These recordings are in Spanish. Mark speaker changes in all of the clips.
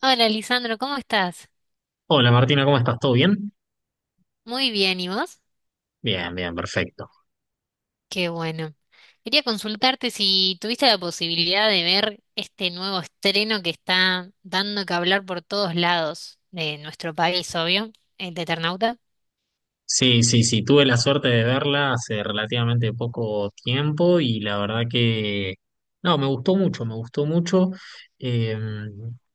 Speaker 1: Hola, Lisandro, ¿cómo estás?
Speaker 2: Hola Martina, ¿cómo estás? ¿Todo bien?
Speaker 1: Muy bien, ¿y vos?
Speaker 2: Bien, bien, perfecto.
Speaker 1: Qué bueno. Quería consultarte si tuviste la posibilidad de ver este nuevo estreno que está dando que hablar por todos lados de nuestro país, obvio, el de Eternauta.
Speaker 2: Sí, sí, sí, tuve la suerte de verla hace relativamente poco tiempo y la verdad que, no, me gustó mucho, me gustó mucho. Eh,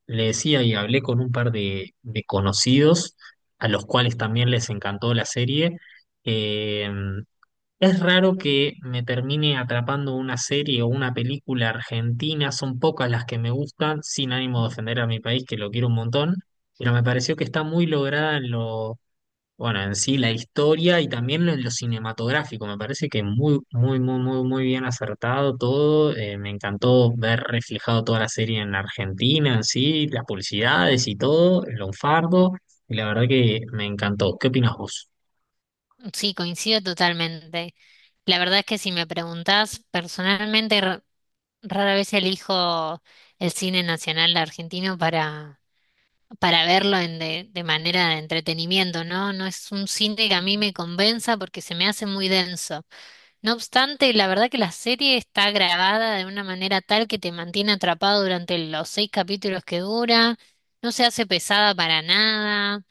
Speaker 2: le decía y hablé con un par de conocidos a los cuales también les encantó la serie. Eh, Es raro que me termine atrapando una serie o una película argentina, son pocas las que me gustan, sin ánimo de
Speaker 1: Ujú.
Speaker 2: ofender a mi país, que lo quiero un montón, pero me pareció que está muy lograda en lo, bueno, en sí la historia y también en lo cinematográfico, me parece que muy, muy, muy, muy, muy bien acertado todo. Me encantó ver reflejado toda la serie en Argentina, en sí, las publicidades y todo, el lunfardo, y la verdad que me encantó. ¿Qué opinas vos?
Speaker 1: Sí, coincido totalmente. La verdad es que si me preguntás, personalmente, rara vez elijo el cine nacional argentino para verlo de manera de entretenimiento, ¿no? No es un cine que a mí me convenza porque se me hace muy denso. No obstante, la verdad que la serie está grabada de una manera tal que te mantiene atrapado durante los seis capítulos que dura, no se hace pesada para nada.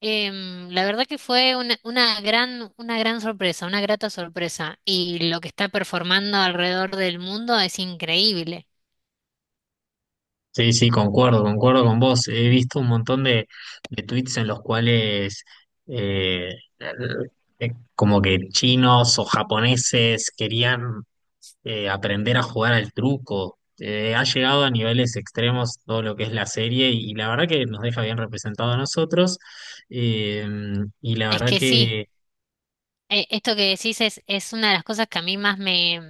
Speaker 1: La verdad que fue una gran sorpresa, una grata sorpresa. Y lo que está performando alrededor del mundo es increíble.
Speaker 2: Sí, sí, concuerdo, concuerdo con vos. He visto un montón de tweets en los cuales eh, como que chinos o japoneses querían aprender a jugar al truco. Ha llegado a niveles extremos todo lo que es la serie y, la verdad que nos deja bien representado a nosotros. Eh, y la
Speaker 1: Es
Speaker 2: verdad
Speaker 1: que sí.
Speaker 2: que.
Speaker 1: Esto que decís es una de las cosas que a mí más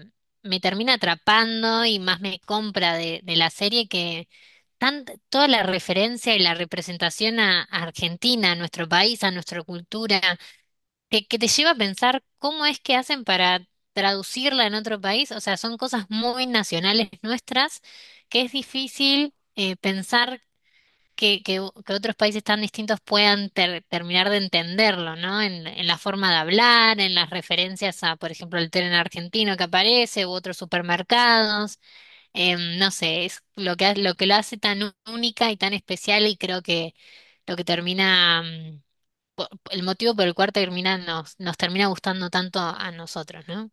Speaker 1: me termina atrapando y más me compra de la serie, que toda la referencia y la representación a Argentina, a nuestro país, a nuestra cultura, que te lleva a pensar cómo es que hacen para traducirla en otro país. O sea, son cosas muy nacionales nuestras que es difícil pensar que que otros países tan distintos puedan terminar de entenderlo, ¿no? En la forma de hablar, en las referencias a, por ejemplo, el tren argentino que aparece u otros supermercados. No sé, es lo que, lo que lo hace tan única y tan especial y creo que lo que termina, el motivo por el cual termina, nos termina gustando tanto a nosotros, ¿no?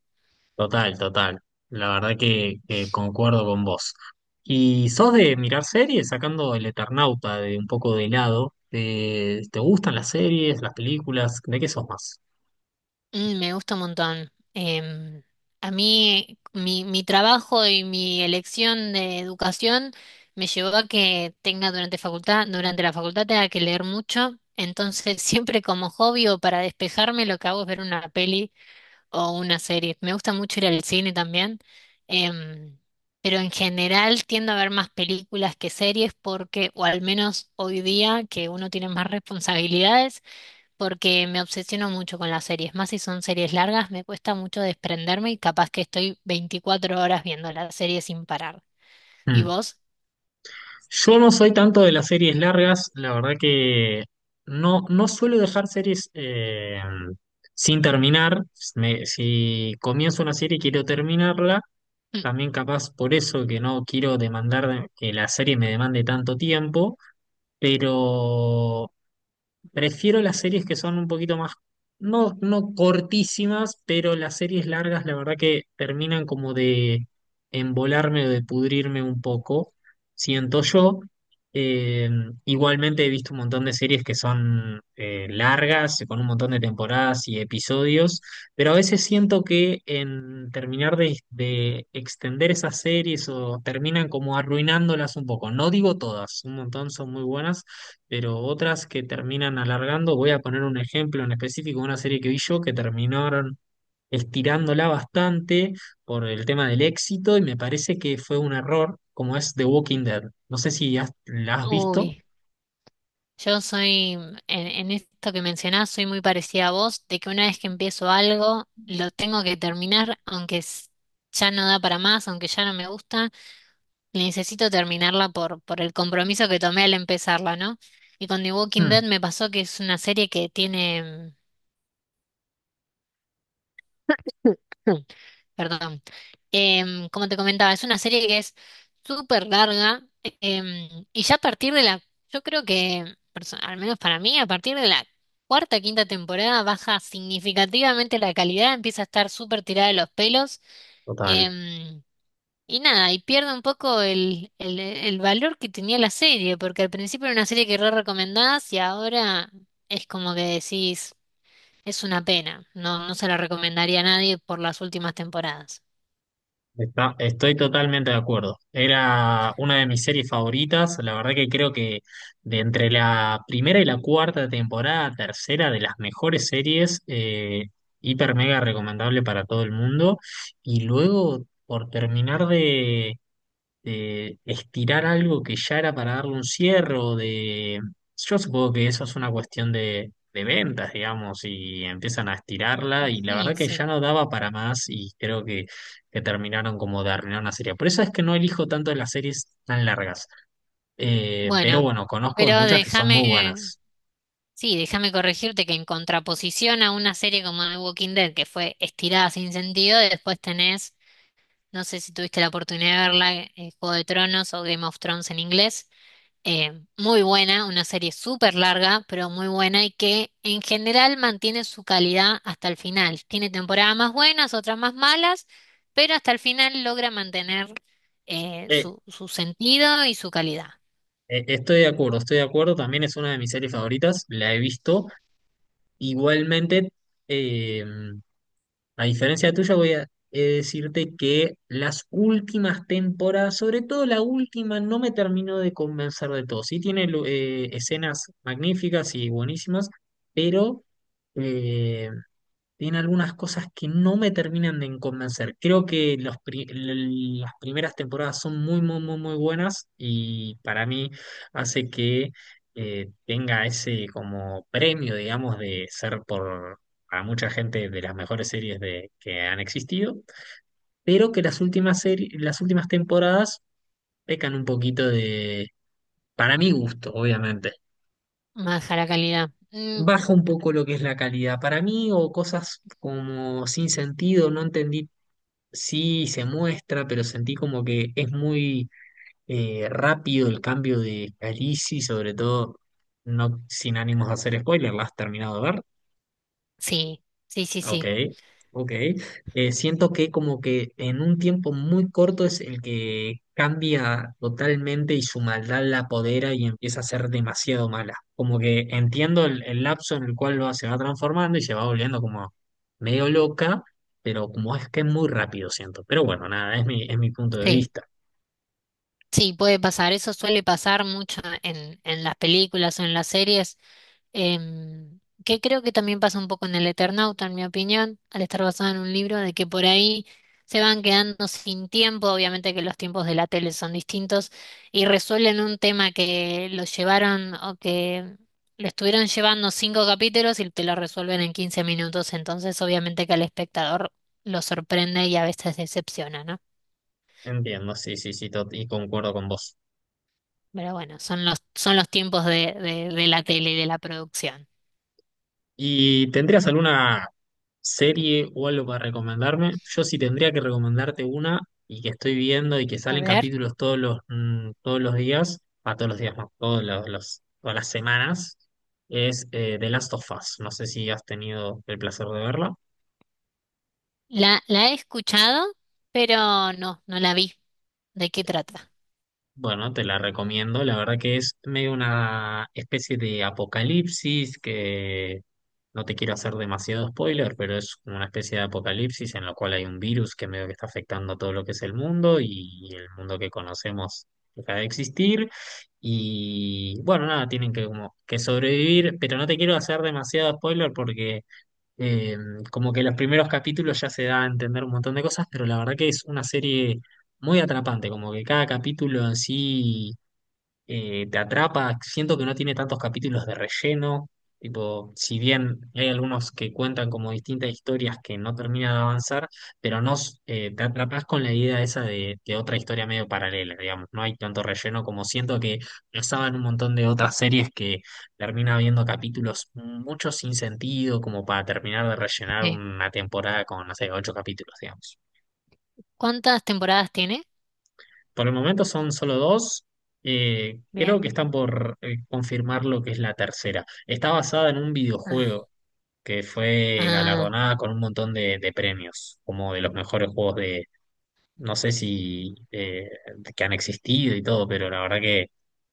Speaker 2: Total, total. La verdad que concuerdo con vos. ¿Y sos de mirar series, sacando el Eternauta de un poco de lado? ¿Te gustan las series, las películas? ¿De qué sos más?
Speaker 1: Mm, me gusta un montón. A mí, mi trabajo y mi elección de educación me llevó a que tenga durante la facultad tenga que leer mucho. Entonces, siempre como hobby o para despejarme, lo que hago es ver una peli o una serie. Me gusta mucho ir al cine también. em, pero en general tiendo a ver más películas que series porque, o al menos hoy día, que uno tiene más responsabilidades porque me obsesiono mucho con las series, más si son series largas, me cuesta mucho desprenderme y capaz que estoy 24 horas viendo la serie sin parar. ¿Y
Speaker 2: Mm.
Speaker 1: vos?
Speaker 2: Yo no soy tanto de las series largas, la verdad que no, no suelo dejar series sin terminar. Si comienzo una serie y quiero terminarla,
Speaker 1: Mm.
Speaker 2: también capaz por eso que no quiero demandar de- que la serie me demande tanto tiempo, pero prefiero las series que son un poquito más, no, no cortísimas, pero las series largas, la verdad que terminan como de embolarme o de pudrirme un poco, siento yo. Eh, igualmente he visto un montón de series que son largas, con un montón de temporadas y episodios, pero a veces siento que en terminar de extender esas series o terminan como arruinándolas un poco. No digo todas, un montón son muy buenas, pero otras que terminan alargando, voy a poner un ejemplo en específico, una serie que vi yo que terminaron estirándola bastante por el tema del éxito y me parece que fue un error, como es The Walking Dead. No sé si la has visto.
Speaker 1: Uy, yo soy, en esto que mencionás, soy muy parecida a vos, de que una vez que empiezo algo, lo tengo que terminar, aunque ya no da para más, aunque ya no me gusta, necesito terminarla por el compromiso que tomé al empezarla, ¿no? Y con The Walking Dead
Speaker 2: Mm,
Speaker 1: me pasó que es una serie que tiene... perdón. Como te comentaba, es una serie que es súper larga, y ya a partir de la, yo creo que, al menos para mí, a partir de la cuarta, quinta temporada baja significativamente la calidad, empieza a estar súper tirada de los pelos,
Speaker 2: total.
Speaker 1: em, y nada, y pierde un poco el valor que tenía la serie, porque al principio era una serie que re recomendabas y ahora es como que decís, es una pena, no, no se la recomendaría a nadie por las últimas temporadas.
Speaker 2: Estoy totalmente de acuerdo. Era una de mis series favoritas. La verdad que creo que de entre la primera y la cuarta temporada, tercera de las mejores series, hiper mega recomendable para todo el mundo. Y luego, por terminar de, estirar algo que ya era para darle un cierre o de. Yo supongo que eso es una cuestión de ventas, digamos, y empiezan a estirarla y la verdad
Speaker 1: Sí,
Speaker 2: que ya
Speaker 1: sí.
Speaker 2: no daba para más y creo que terminaron como de arruinar una serie. Por eso es que no elijo tanto las series tan largas, pero
Speaker 1: Bueno,
Speaker 2: bueno, conozco de
Speaker 1: pero
Speaker 2: muchas que son muy
Speaker 1: déjame,
Speaker 2: buenas.
Speaker 1: sí, déjame corregirte que en contraposición a una serie como The Walking Dead, que fue estirada sin sentido, después tenés, no sé si tuviste la oportunidad de verla, Juego de Tronos o Game of Thrones en inglés, eh, muy buena, una serie súper larga, pero muy buena y que en general mantiene su calidad hasta el final. Tiene temporadas más buenas, otras más malas, pero hasta el final logra mantener
Speaker 2: Eh,
Speaker 1: su sentido y su calidad.
Speaker 2: Estoy de acuerdo, estoy de acuerdo. También es una de mis series favoritas, la he visto. Igualmente, eh, a diferencia tuya, voy a decirte que las últimas temporadas, sobre todo la última, no me terminó de convencer de todo. Sí tiene escenas magníficas y buenísimas, pero eh, tiene algunas cosas que no me terminan de convencer. Creo que los las primeras temporadas son muy, muy, muy, muy buenas y para mí hace que tenga ese como premio, digamos, de ser por a mucha gente de las mejores series de, que han existido, pero que las últimas series, las últimas temporadas pecan un poquito de, para mi gusto, obviamente
Speaker 1: Baja la calidad. Mm,
Speaker 2: baja un poco lo que es la calidad para mí o cosas como sin sentido, no entendí. Sí, se muestra, pero sentí como que es muy rápido el cambio de Khaleesi, sobre todo no sin ánimos de hacer spoiler, ¿la has terminado de ver?
Speaker 1: sí, sí, sí,
Speaker 2: Ok,
Speaker 1: sí,
Speaker 2: ok. Siento que como que en un tiempo muy corto es el que cambia totalmente y su maldad la apodera y empieza a ser demasiado mala. Como que entiendo el lapso en el cual se va transformando y se va volviendo como medio loca, pero como es que es muy rápido, siento. Pero bueno, nada, es mi punto de
Speaker 1: sí,
Speaker 2: vista.
Speaker 1: sí, puede pasar. Eso suele pasar mucho en las películas o en las series. em, que creo que también pasa un poco en el Eternauta, en mi opinión, al estar basado en un libro, de que por ahí se van quedando sin tiempo, obviamente que los tiempos de la tele son distintos, y resuelven un tema que lo llevaron o que lo estuvieron llevando cinco capítulos y te lo resuelven en 15 minutos, entonces obviamente que al espectador lo sorprende y a veces decepciona, ¿no?
Speaker 2: Entiendo, sí, sí, sí, y concuerdo con vos.
Speaker 1: Pero bueno, son son los tiempos de de la tele y de la producción.
Speaker 2: ¿Y tendrías alguna serie o algo para recomendarme? Yo sí tendría que recomendarte una y que estoy viendo y que
Speaker 1: A
Speaker 2: salen
Speaker 1: ver.
Speaker 2: capítulos todos los, todos los días, a todos los días no, todas las semanas, es The Last of Us. No sé si has tenido el placer de verla.
Speaker 1: La he escuchado, pero no, no la vi. ¿De qué trata?
Speaker 2: Bueno, te la recomiendo. La verdad que es medio una especie de apocalipsis que no te quiero hacer demasiado spoiler, pero es como una especie de apocalipsis en la cual hay un virus que medio que está afectando todo lo que es el mundo y el mundo que conocemos deja de existir. Y bueno, nada, tienen que como que sobrevivir, pero no te quiero hacer demasiado spoiler porque eh, como que los primeros capítulos ya se da a entender un montón de cosas, pero la verdad que es una serie muy atrapante, como que cada capítulo en sí te atrapa, siento que no tiene tantos capítulos de relleno, tipo, si bien hay algunos que cuentan como distintas historias que no terminan de avanzar, pero no s- te atrapas con la idea esa de otra historia medio paralela, digamos, no hay tanto relleno como siento que pasaba en un montón de otras series que termina habiendo capítulos mucho sin sentido, como para terminar de rellenar
Speaker 1: Eh,
Speaker 2: una temporada con, no sé, ocho capítulos, digamos.
Speaker 1: ¿Cuántas temporadas tiene?
Speaker 2: Por el momento son solo dos. Creo que
Speaker 1: Bien.
Speaker 2: están por confirmar lo que es la tercera. Está basada en un
Speaker 1: Ah,
Speaker 2: videojuego que fue
Speaker 1: ah,
Speaker 2: galardonada con un montón de premios, como de los mejores juegos de, no sé si que han existido y todo, pero la verdad que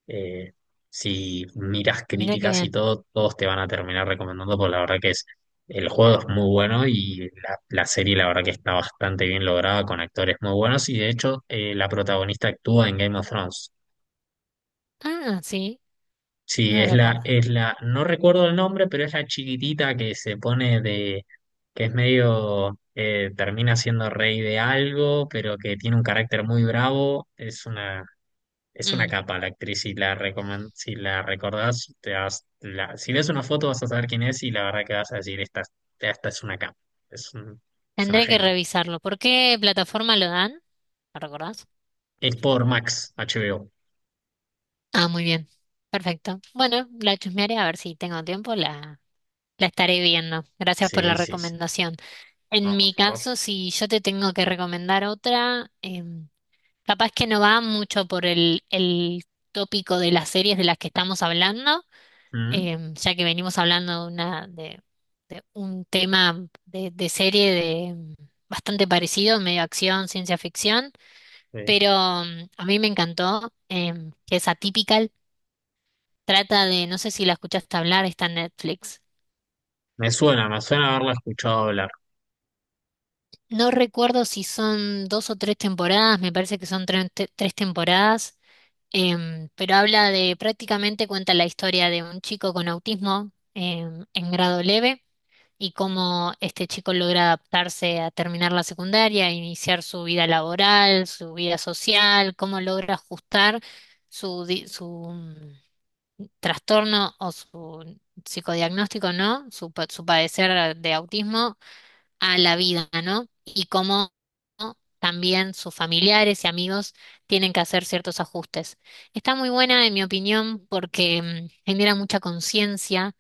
Speaker 2: eh, si miras
Speaker 1: mira qué
Speaker 2: críticas y
Speaker 1: bien.
Speaker 2: todo, todos te van a terminar recomendando, porque la verdad que es, el juego es muy bueno y la serie la verdad que está bastante bien lograda con actores muy buenos y de hecho la protagonista actúa en Game of Thrones.
Speaker 1: Ah, sí, no
Speaker 2: Sí,
Speaker 1: lo
Speaker 2: es la,
Speaker 1: recuerdo.
Speaker 2: es la, no recuerdo el nombre, pero es la chiquitita que se pone de, que es medio, termina siendo rey de algo, pero que tiene un carácter muy bravo. Es una
Speaker 1: Mm,
Speaker 2: capa la actriz, si la recordás, si ves una foto vas a saber quién es y la verdad que vas a decir, esta es una capa, es, un- es una
Speaker 1: tendré que
Speaker 2: genia.
Speaker 1: revisarlo. ¿Por qué plataforma lo dan? ¿Lo recordás?
Speaker 2: Es por Max, HBO.
Speaker 1: Ah, muy bien. Perfecto. Bueno, la chusmearé a ver si tengo tiempo, la estaré viendo. Gracias por la
Speaker 2: Sí, sí, sí.
Speaker 1: recomendación. En
Speaker 2: No, por
Speaker 1: mi
Speaker 2: favor.
Speaker 1: caso, si yo te tengo que recomendar otra, capaz que no va mucho por el tópico de las series de las que estamos hablando,
Speaker 2: Mm,
Speaker 1: ya que venimos hablando de, de un tema de serie de, bastante parecido, medio acción, ciencia ficción,
Speaker 2: sí.
Speaker 1: pero a mí me encantó, que es Atypical, trata de, no sé si la escuchaste hablar, está en Netflix.
Speaker 2: Me suena haberla escuchado hablar.
Speaker 1: No recuerdo si son dos o tres temporadas, me parece que son tres temporadas. Pero habla de, prácticamente cuenta la historia de un chico con autismo en grado leve y cómo este chico logra adaptarse a terminar la secundaria, iniciar su vida laboral, su vida social, cómo logra ajustar su, su trastorno o su psicodiagnóstico, ¿no? Su, su padecer de autismo a la vida, ¿no? Y cómo también sus familiares y amigos tienen que hacer ciertos ajustes. Está muy buena, en mi opinión, porque genera mucha conciencia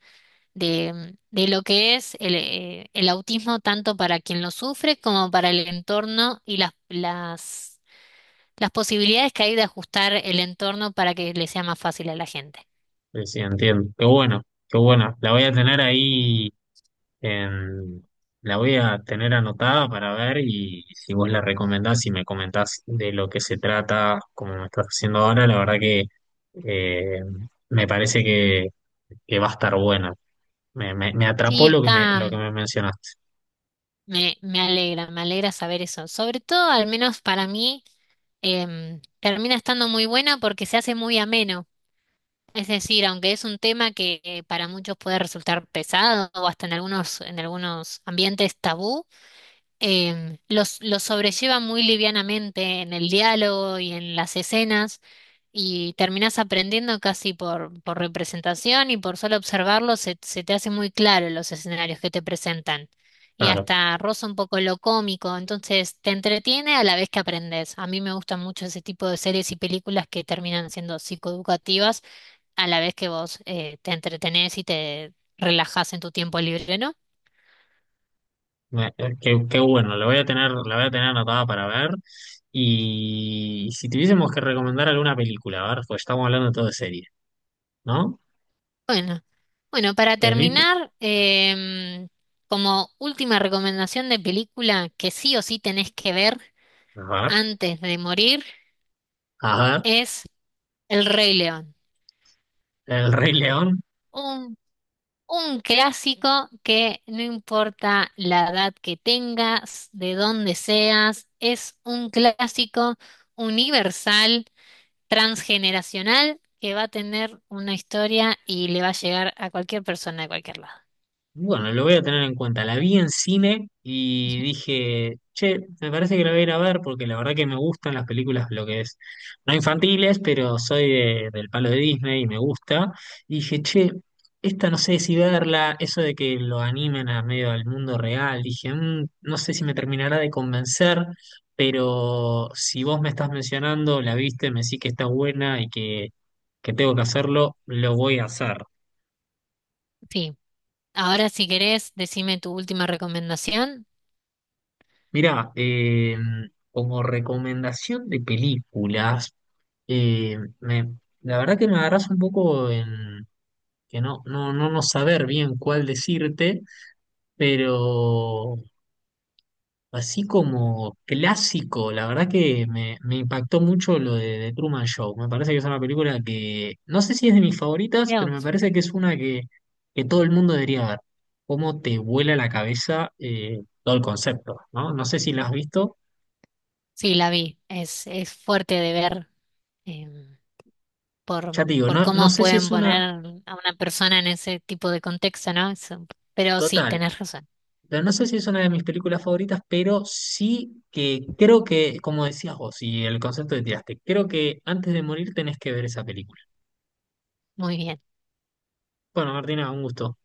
Speaker 1: de lo que es el autismo, tanto para quien lo sufre como para el entorno y las posibilidades que hay de ajustar el entorno para que le sea más fácil a la gente.
Speaker 2: Sí, sí, entiendo. Qué bueno, qué bueno. La voy a tener ahí. Em, la voy a tener anotada para ver y si vos la recomendás y me comentás de lo que se trata, como me estás haciendo ahora, la verdad que eh, me parece que va a estar buena. Me
Speaker 1: Sí,
Speaker 2: atrapó lo que me,
Speaker 1: está,
Speaker 2: lo que me mencionaste.
Speaker 1: me alegra saber eso. Sobre todo, al menos para mí, termina estando muy buena porque se hace muy ameno. Es decir, aunque es un tema que para muchos puede resultar pesado o hasta en algunos ambientes tabú, los sobrelleva muy livianamente en el diálogo y en las escenas y terminás aprendiendo casi por representación y por solo observarlo se te hace muy claro los escenarios que te presentan y
Speaker 2: Claro,
Speaker 1: hasta roza un poco lo cómico, entonces te entretiene a la vez que aprendes. A mí me gustan mucho ese tipo de series y películas que terminan siendo psicoeducativas a la vez que vos te entretenés y te relajás en tu tiempo libre, ¿no?
Speaker 2: Qué, qué bueno, la voy a tener anotada para ver. Y si tuviésemos que recomendar alguna película, a ver, pues estamos hablando todo de serie, ¿no?
Speaker 1: Bueno, bueno, para
Speaker 2: Película,
Speaker 1: terminar, como última recomendación de película que sí o sí tenés que ver
Speaker 2: a ver,
Speaker 1: antes de morir
Speaker 2: a ver,
Speaker 1: es El Rey León.
Speaker 2: El Rey León.
Speaker 1: Un, un clásico que no importa la edad que tengas, de dónde seas, es un clásico universal, transgeneracional, que va a tener una historia y le va a llegar a cualquier persona de cualquier lado.
Speaker 2: Bueno, lo voy a tener en cuenta. La vi en cine y dije, che, me parece que la voy a ir a ver porque la verdad que me gustan las películas, lo que es, no infantiles, pero soy del palo de Disney y me gusta. Y dije, che, esta no sé si verla, eso de que lo animen a medio del mundo real. Dije, "Mm, no sé si me terminará de convencer, pero si vos me estás mencionando, la viste, me decís que está buena y que tengo que hacerlo, lo voy a hacer."
Speaker 1: Sí. Ahora, si querés, decime tu última recomendación.
Speaker 2: Mirá, como recomendación de películas, eh, me- la verdad que me agarras un poco en que no saber bien cuál decirte, pero así como clásico, la verdad que me impactó mucho lo de, The Truman Show. Me parece que es una película que, no sé si es de mis favoritas, pero
Speaker 1: Creo.
Speaker 2: me parece que es una que todo el mundo debería ver. Cómo te vuela la cabeza todo el concepto, ¿no? No sé si la has visto.
Speaker 1: Sí, la vi. Es fuerte de ver, em,
Speaker 2: Ya te digo,
Speaker 1: por
Speaker 2: no, no
Speaker 1: cómo
Speaker 2: sé si
Speaker 1: pueden
Speaker 2: es una
Speaker 1: poner a una persona en ese tipo de contexto, ¿no? Eso, pero sí,
Speaker 2: total,
Speaker 1: tenés razón.
Speaker 2: pero no sé si es una de mis películas favoritas, pero sí que creo que, como decías vos, y el concepto que tiraste, creo que antes de morir tenés que ver esa película.
Speaker 1: Muy bien.
Speaker 2: Bueno, Martina, un gusto.